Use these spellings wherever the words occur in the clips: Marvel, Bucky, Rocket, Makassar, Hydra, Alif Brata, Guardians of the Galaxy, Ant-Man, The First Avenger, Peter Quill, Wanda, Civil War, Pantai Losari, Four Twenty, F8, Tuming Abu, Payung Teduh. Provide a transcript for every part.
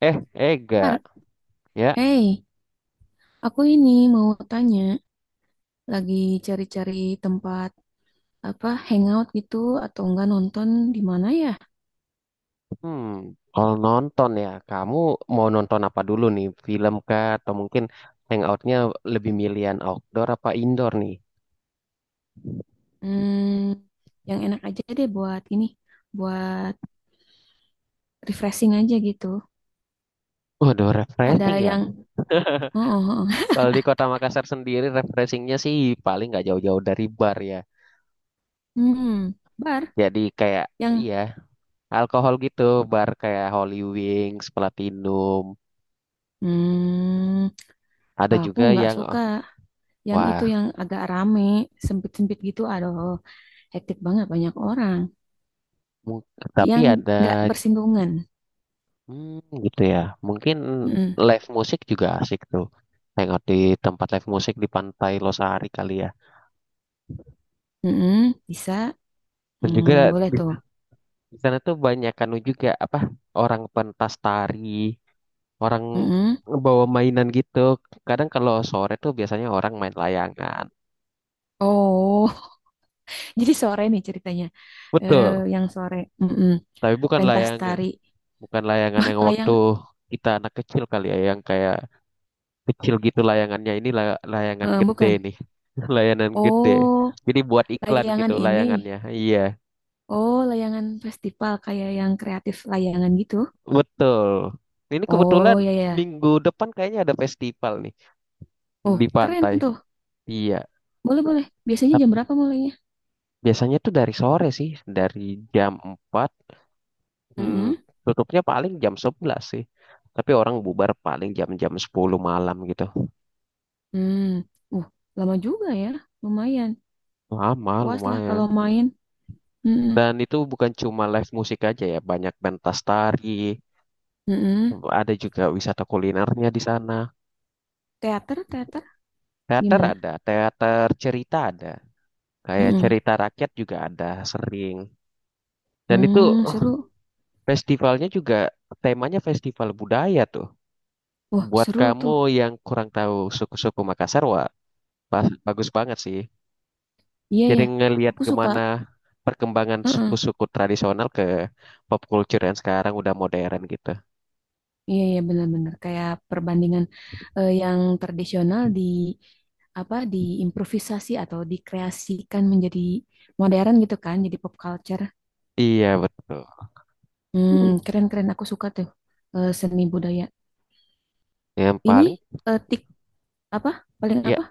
Eh, Ega, Kak? ya. Hey, aku ini mau tanya, lagi cari-cari tempat apa hangout gitu atau enggak nonton di mana ya? Hmm, Kalau nonton ya, kamu mau nonton apa dulu nih? Film kah? Atau mungkin hangoutnya lebih milihan outdoor apa indoor nih? Hmm, yang enak aja deh buat ini, buat refreshing aja gitu. Waduh, Ada refreshing ya. yang, oh, oh, oh. Kalau di kota Makassar sendiri, refreshingnya sih paling nggak jauh-jauh dari bar ya. Hmm, bar Jadi kayak, yang, iya, alkohol gitu. Bar kayak Holy Wings, Platinum. hmm, Ada aku juga nggak yang, suka oh, yang wah, itu yang agak rame, sempit-sempit gitu. Aduh, hektik banget banyak orang. mung- tapi Yang ada. nggak bersinggungan. Hmm, gitu ya. Mungkin Mm-mm, live musik juga asik tuh. Hangout di tempat live musik di Pantai Losari kali ya. mm-mm, bisa. Dan juga Hmm, boleh di tuh. di sana tuh banyak anu juga apa orang pentas tari, orang Mm-mm. bawa mainan gitu. Kadang kalau sore tuh biasanya orang main layangan. Oh, jadi sore nih ceritanya. Betul. Eh, yang sore. Mm-mm. Tapi bukan Pentas layangan, tari. bukan layangan Bah, yang waktu layang. kita anak kecil kali ya, yang kayak kecil gitu layangannya ini layangan gede Bukan. nih. Layanan gede, Oh, jadi buat iklan gitu layangan ini. layangannya, iya Oh, layangan festival kayak yang kreatif layangan gitu. betul. Ini kebetulan Oh, ya ya. minggu depan kayaknya ada festival nih Oh, di keren pantai, tuh. iya. Boleh boleh. Biasanya jam Tapi berapa mulainya? biasanya tuh dari sore sih, dari jam 4, hmm, Mm-mm. tutupnya paling jam 11 sih, tapi orang bubar paling jam-jam 10 malam gitu, Hmm. Uh, lama juga ya. Lumayan. lama Puas lah kalau lumayan. main. Mm-mm. Dan itu bukan cuma live musik aja ya, banyak pentas tari. Mm-mm. Ada juga wisata kulinernya di sana. Teater, teater. Teater Gimana? ada, teater cerita ada. Kayak Mm-mm. cerita rakyat juga ada sering. Dan itu Hmm, eh, seru. festivalnya juga temanya festival budaya tuh. Wah, Buat seru tuh. kamu yang kurang tahu suku-suku Makassar, wah, bagus banget sih. Iya Jadi ya, ngelihat aku suka. gimana perkembangan Heeh. suku-suku tradisional ke pop culture yang sekarang udah modern gitu. Iya ya, benar-benar kayak perbandingan yang tradisional di apa diimprovisasi atau dikreasikan menjadi modern gitu kan, jadi pop culture. Iya, betul. Hmm, keren-keren aku suka tuh seni budaya. Yang Ini paling eh, tik apa? Paling ya apa?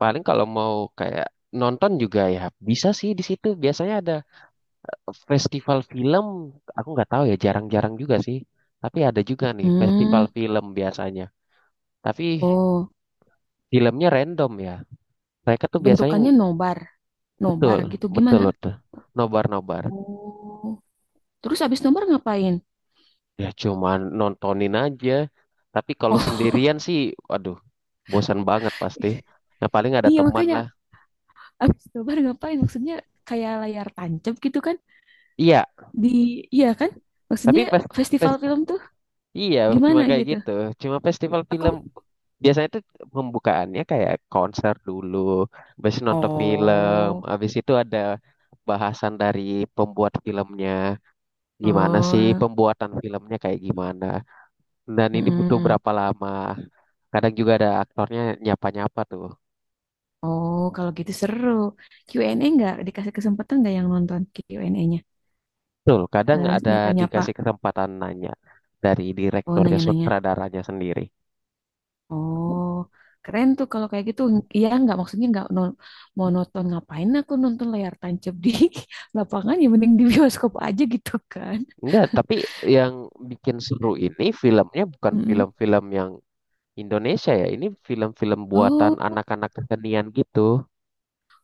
Paling kalau mau kayak nonton juga ya bisa sih di situ. Biasanya ada festival film. Aku nggak tahu ya, jarang-jarang juga sih. Tapi ada juga nih festival Hmm, film biasanya. Tapi oh, filmnya random ya. Mereka tuh biasanya bentukannya ng- nobar. Nobar Betul, gitu betul gimana? tuh. Nobar-nobar. Oh, terus abis nobar ngapain? Ya cuman nontonin aja. Tapi kalau Oh, sendirian sih, waduh, bosan banget pasti. Nah paling ada iya teman makanya lah. abis nobar ngapain? Maksudnya kayak layar tancap gitu kan? Iya, Di iya kan? Maksudnya tapi fes- festival festival film tuh Iya, cuma gimana kayak gitu? gitu. Cuma festival film Aku biasanya tuh pembukaannya kayak konser dulu, habis itu nonton film, oh habis itu ada bahasan dari pembuat filmnya, gimana sih oh pembuatan filmnya kayak gimana. Dan ini butuh mm-mm berapa lama. Kadang juga ada aktornya nyapa-nyapa tuh. oh kalau gitu seru. Q&A nggak dikasih kesempatan nggak yang nonton Q&A-nya? Betul, kadang ada Nyapa-nyapa. dikasih kesempatan nanya dari Oh direkturnya, nanya-nanya. sutradaranya sendiri. Oh keren tuh kalau kayak gitu. Iya nggak maksudnya nggak mau nonton ngapain? Aku nonton layar tancap di lapangan ya mending di bioskop aja gitu kan. Enggak, tapi yang bikin seru ini filmnya bukan Mm-mm. film-film yang Indonesia ya, ini film-film buatan Oh, anak-anak kesenian gitu.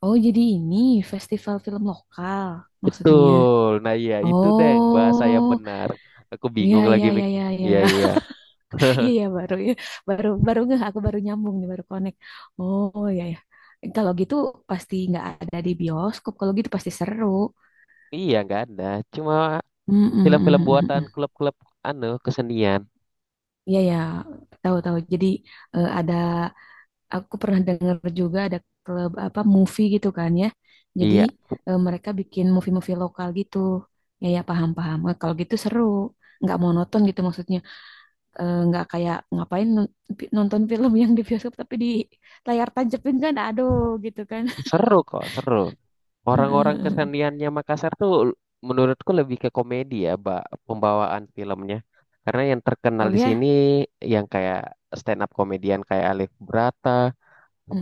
oh, jadi ini festival film lokal maksudnya. Betul. Nah, iya itu deng bahasa yang Oh, benar. Aku iya bingung lagi iya iya mik. iya iya. Iya, iya. Iya iya baru ya. Baru baru nggak aku baru nyambung nih, baru connect. Oh, iya ya. Kalau gitu pasti nggak ada di bioskop. Kalau gitu pasti seru. Iya, nggak ada. Cuma Mm, mm, film-film mm, mm, buatan mm. klub-klub anu kesenian. Iya ya, tahu-tahu. Jadi ada aku pernah dengar juga ada klub apa movie gitu kan ya. Jadi Iya, mereka bikin movie-movie lokal gitu. Ya ya paham-paham. Kalau gitu seru, nggak monoton gitu maksudnya. Nggak kayak ngapain nonton film yang di bioskop tapi di layar tancapin kan, aduh gitu kan. seru kok, seru. Orang-orang keseniannya Makassar tuh menurutku lebih ke komedi ya, Mbak, pembawaan filmnya. Karena yang terkenal Oh di sini ya, yang kayak stand up komedian kayak Alif Brata,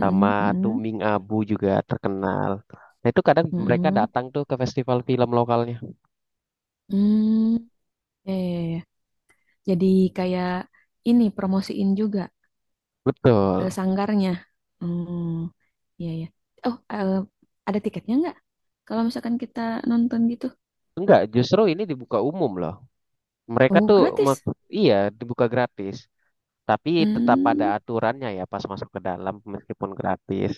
sama mm-mm, Tuming Abu juga terkenal. Nah itu kadang mereka mm-mm. datang tuh ke festival film lokalnya. Hmm, ya, ya, ya. Ya. Jadi kayak ini promosiin juga Betul. Sanggarnya. Hmm, iya ya. Oh, ada tiketnya nggak? Kalau misalkan kita nonton gitu. Enggak, justru ini dibuka umum loh. Mereka Oh, tuh gratis. me- iya dibuka gratis, tapi tetap ada Hmm. aturannya ya pas masuk ke dalam meskipun gratis.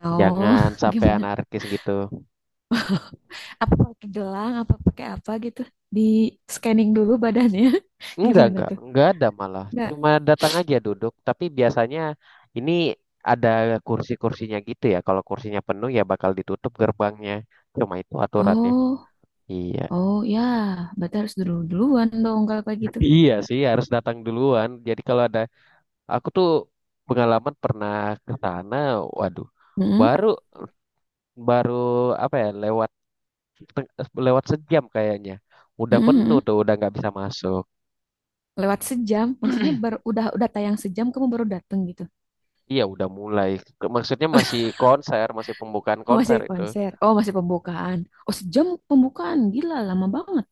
Oh, Jangan sampai gimana? anarkis gitu. Apa pakai gelang? Apa pakai apa gitu? Di scanning dulu badannya. Gimana tuh? Enggak ada malah. Nggak. Cuma datang aja duduk, tapi biasanya ini ada kursi-kursinya gitu ya. Kalau kursinya penuh ya bakal ditutup gerbangnya. Cuma itu aturannya. Oh, Iya. oh ya. Berarti harus dulu duluan dong kalau kayak gitu. Iya sih harus datang duluan. Jadi kalau ada aku tuh pengalaman pernah ke sana, waduh, Mm-mm. baru baru apa ya, lewat teng- lewat sejam kayaknya. Udah penuh Mm-mm, tuh, udah nggak bisa masuk. lewat sejam, maksudnya baru udah tayang sejam kamu baru datang gitu. Iya udah mulai. Maksudnya masih konser, masih pembukaan Oh, konser masih itu. konser. Oh, masih pembukaan. Oh, sejam pembukaan. Gila, lama banget.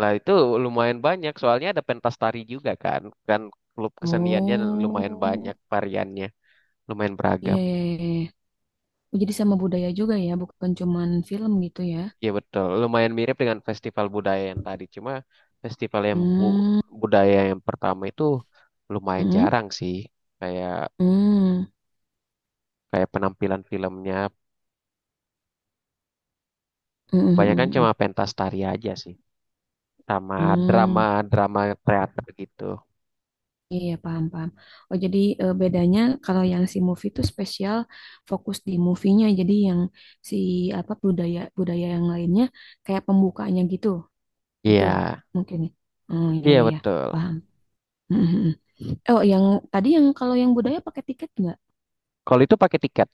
Lah itu lumayan banyak soalnya ada pentas tari juga kan. Kan klub keseniannya lumayan banyak Oh, variannya, lumayan iya, beragam. iya, iya. Oh, jadi sama budaya juga ya, bukan cuman film gitu ya. Iya betul, lumayan mirip dengan festival budaya yang tadi. Cuma festival yang bu- Hmm, budaya yang pertama itu lumayan hmm, jarang sih. Kayak hmm, kayak penampilan filmnya hmm, hmm, kebanyakan hmm, hmm. cuma pentas tari aja sih, sama Hmm, drama-drama teater gitu. iya, paham, paham. Oh, jadi bedanya kalau yang si movie itu spesial fokus di movie-nya. Jadi yang si apa budaya budaya yang lainnya kayak pembukaannya gitu, gitu Iya, mungkin. Oh, iya, iya iya, iya. betul. Paham. Oh, yang tadi yang kalau yang budaya pakai tiket nggak? Kalau itu pakai tiket,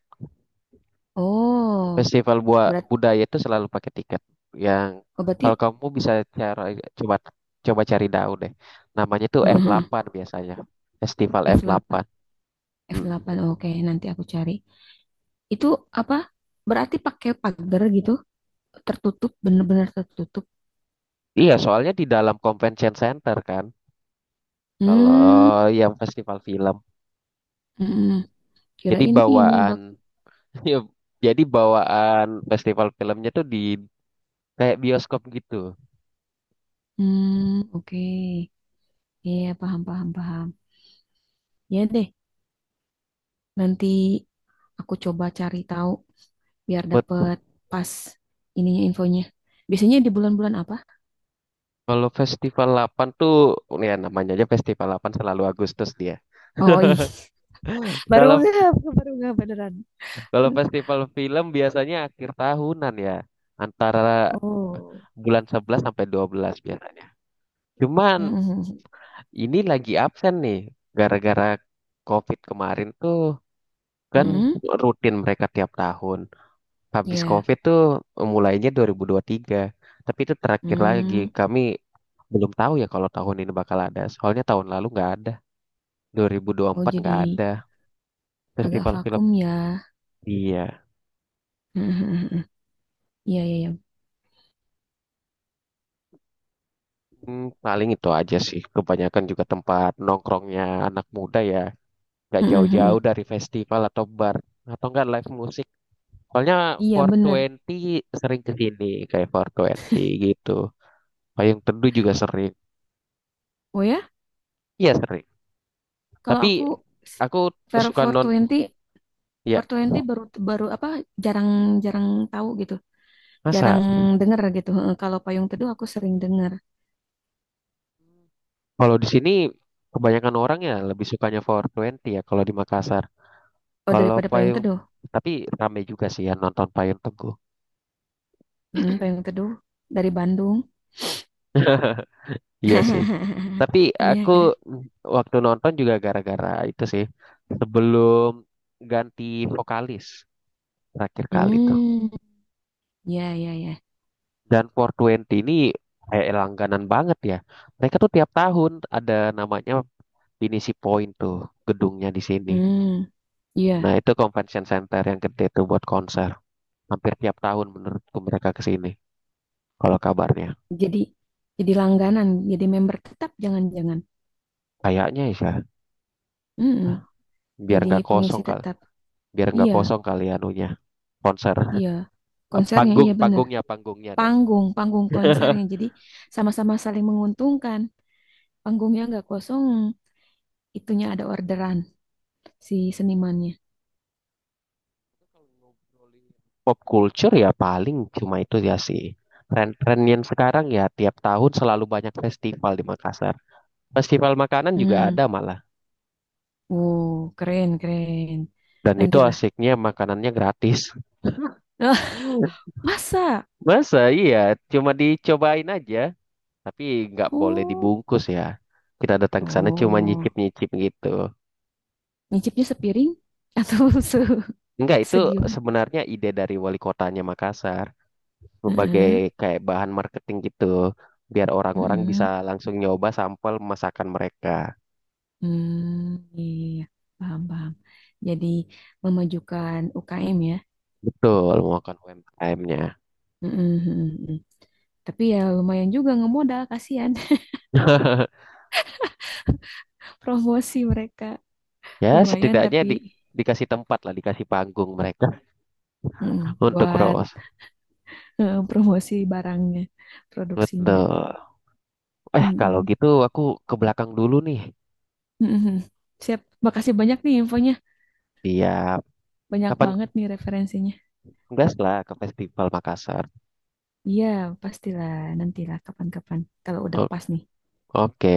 Oh, festival buat berat. budaya itu selalu pakai tiket. Yang Oh, kalau berarti kamu bisa cara coba coba cari tahu deh, namanya tuh mhm. F8 biasanya, festival F8 F8. F8, oke, nanti aku cari. Itu apa? Berarti pakai pagar gitu, tertutup, bener-bener tertutup. Iya, soalnya di dalam convention center kan, kalau Hmm, yang festival film. mhm. Jadi Kirain ini bak. bawaan, ya, jadi bawaan festival filmnya tuh di kayak bioskop gitu. Hmm, oke. Iya, paham, paham, paham. Ya deh, nanti aku coba cari tahu biar Buat dapet pas ininya infonya. Biasanya di bulan-bulan apa? kalau festival 8 tuh, ya namanya aja festival 8 selalu Agustus dia. Oh, iya. Baru Kalau nggak baru nggak beneran. kalau festival film biasanya akhir tahunan ya, antara Oh. bulan 11 sampai 12 biasanya. Cuman Mm-mm. ini lagi absen nih, gara-gara COVID kemarin tuh, kan Mm-mm. rutin mereka tiap tahun. Habis Ya. COVID tuh mulainya dua ribu tiga, tapi itu terakhir lagi. Hmm. Kami belum tahu ya kalau tahun ini bakal ada. Soalnya tahun lalu nggak ada, dua ribu Oh, empat nggak jadi ada agak festival film. vakum ya. Iya. Mm-mm. Iya, iya, iya. Paling itu aja sih. Kebanyakan juga tempat nongkrongnya anak muda ya, nggak Mm-mm. jauh-jauh dari festival atau bar atau nggak live musik. Soalnya Iya, Four bener. Twenty sering ke sini, kayak Four Twenty gitu. Payung Teduh juga sering. Oh ya, Iya sering. kalau Tapi aku s- aku Fair suka 420, twenty ya four twenty baru baru apa jarang-jarang tahu gitu. Jarang masa denger gitu. Heeh, kalau Payung Teduh aku sering denger. kalau di sini kebanyakan orang ya lebih sukanya Four Twenty ya kalau di Makassar. Oh, Kalau daripada Payung payung Teduh. tapi ramai juga sih ya nonton payung teduh. Hmm, Payung Teduh dari Bandung. Iya sih. Tapi Iya. aku waktu nonton juga gara-gara itu sih sebelum ganti vokalis terakhir kali tuh. Hmm, ya, ya, ya. Dan Four Twenty ini kayak langganan banget ya. Mereka tuh tiap tahun ada namanya finisi point tuh gedungnya di sini. Hmm, iya. Nah, itu convention center yang gede tuh buat konser. Hampir tiap tahun menurutku mereka ke sini. Kalau kabarnya. Jadi jadi langganan, jadi member tetap jangan-jangan. Kayaknya ya, Mm-mm. biar Jadi nggak pengisi kosong kali. tetap. Biar nggak Iya, kosong kali ya anunya. Konser. iya. Ah, Konsernya panggung, iya bener. panggungnya, panggungnya, Deng. Panggung, panggung konsernya. Jadi sama-sama saling menguntungkan. Panggungnya nggak kosong, itunya ada orderan si senimannya. Pop culture ya paling cuma itu ya sih. Tren-tren yang sekarang ya tiap tahun selalu banyak festival di Makassar. Festival makanan juga Hmm. ada malah. Wow, keren, keren. Dan itu Nantilah. asiknya makanannya gratis. Masa? Masa iya, cuma dicobain aja. Tapi nggak boleh Oh. dibungkus ya. Kita datang ke sana cuma Oh. nyicip-nyicip gitu. Nyicipnya sepiring atau se Enggak, itu segiwan? sebenarnya ide dari wali kotanya Makassar. Sebagai Heeh. kayak bahan marketing gitu. Biar orang-orang bisa Heeh. langsung nyoba sampel masakan mereka. Hmm, iya, iya, iya. Paham, paham. Jadi memajukan UKM ya. Betul, melakukan UMKM-nya. Mm-mm, mm-mm, mm. Tapi ya lumayan juga ngemodal, kasihan. Promosi mereka Ya, lumayan setidaknya tapi dikasih tempat lah, dikasih panggung mereka mm, untuk buat roast. Promosi barangnya, produksinya. Betul. Eh, kalau Mm-mm, gitu aku ke belakang dulu nih. mm-mm. Siap, makasih banyak nih infonya. Siap. Banyak Kapan banget nih referensinya. gas lah ke Festival Makassar. Iya, pastilah nantilah kapan-kapan kalau udah pas nih. Oke,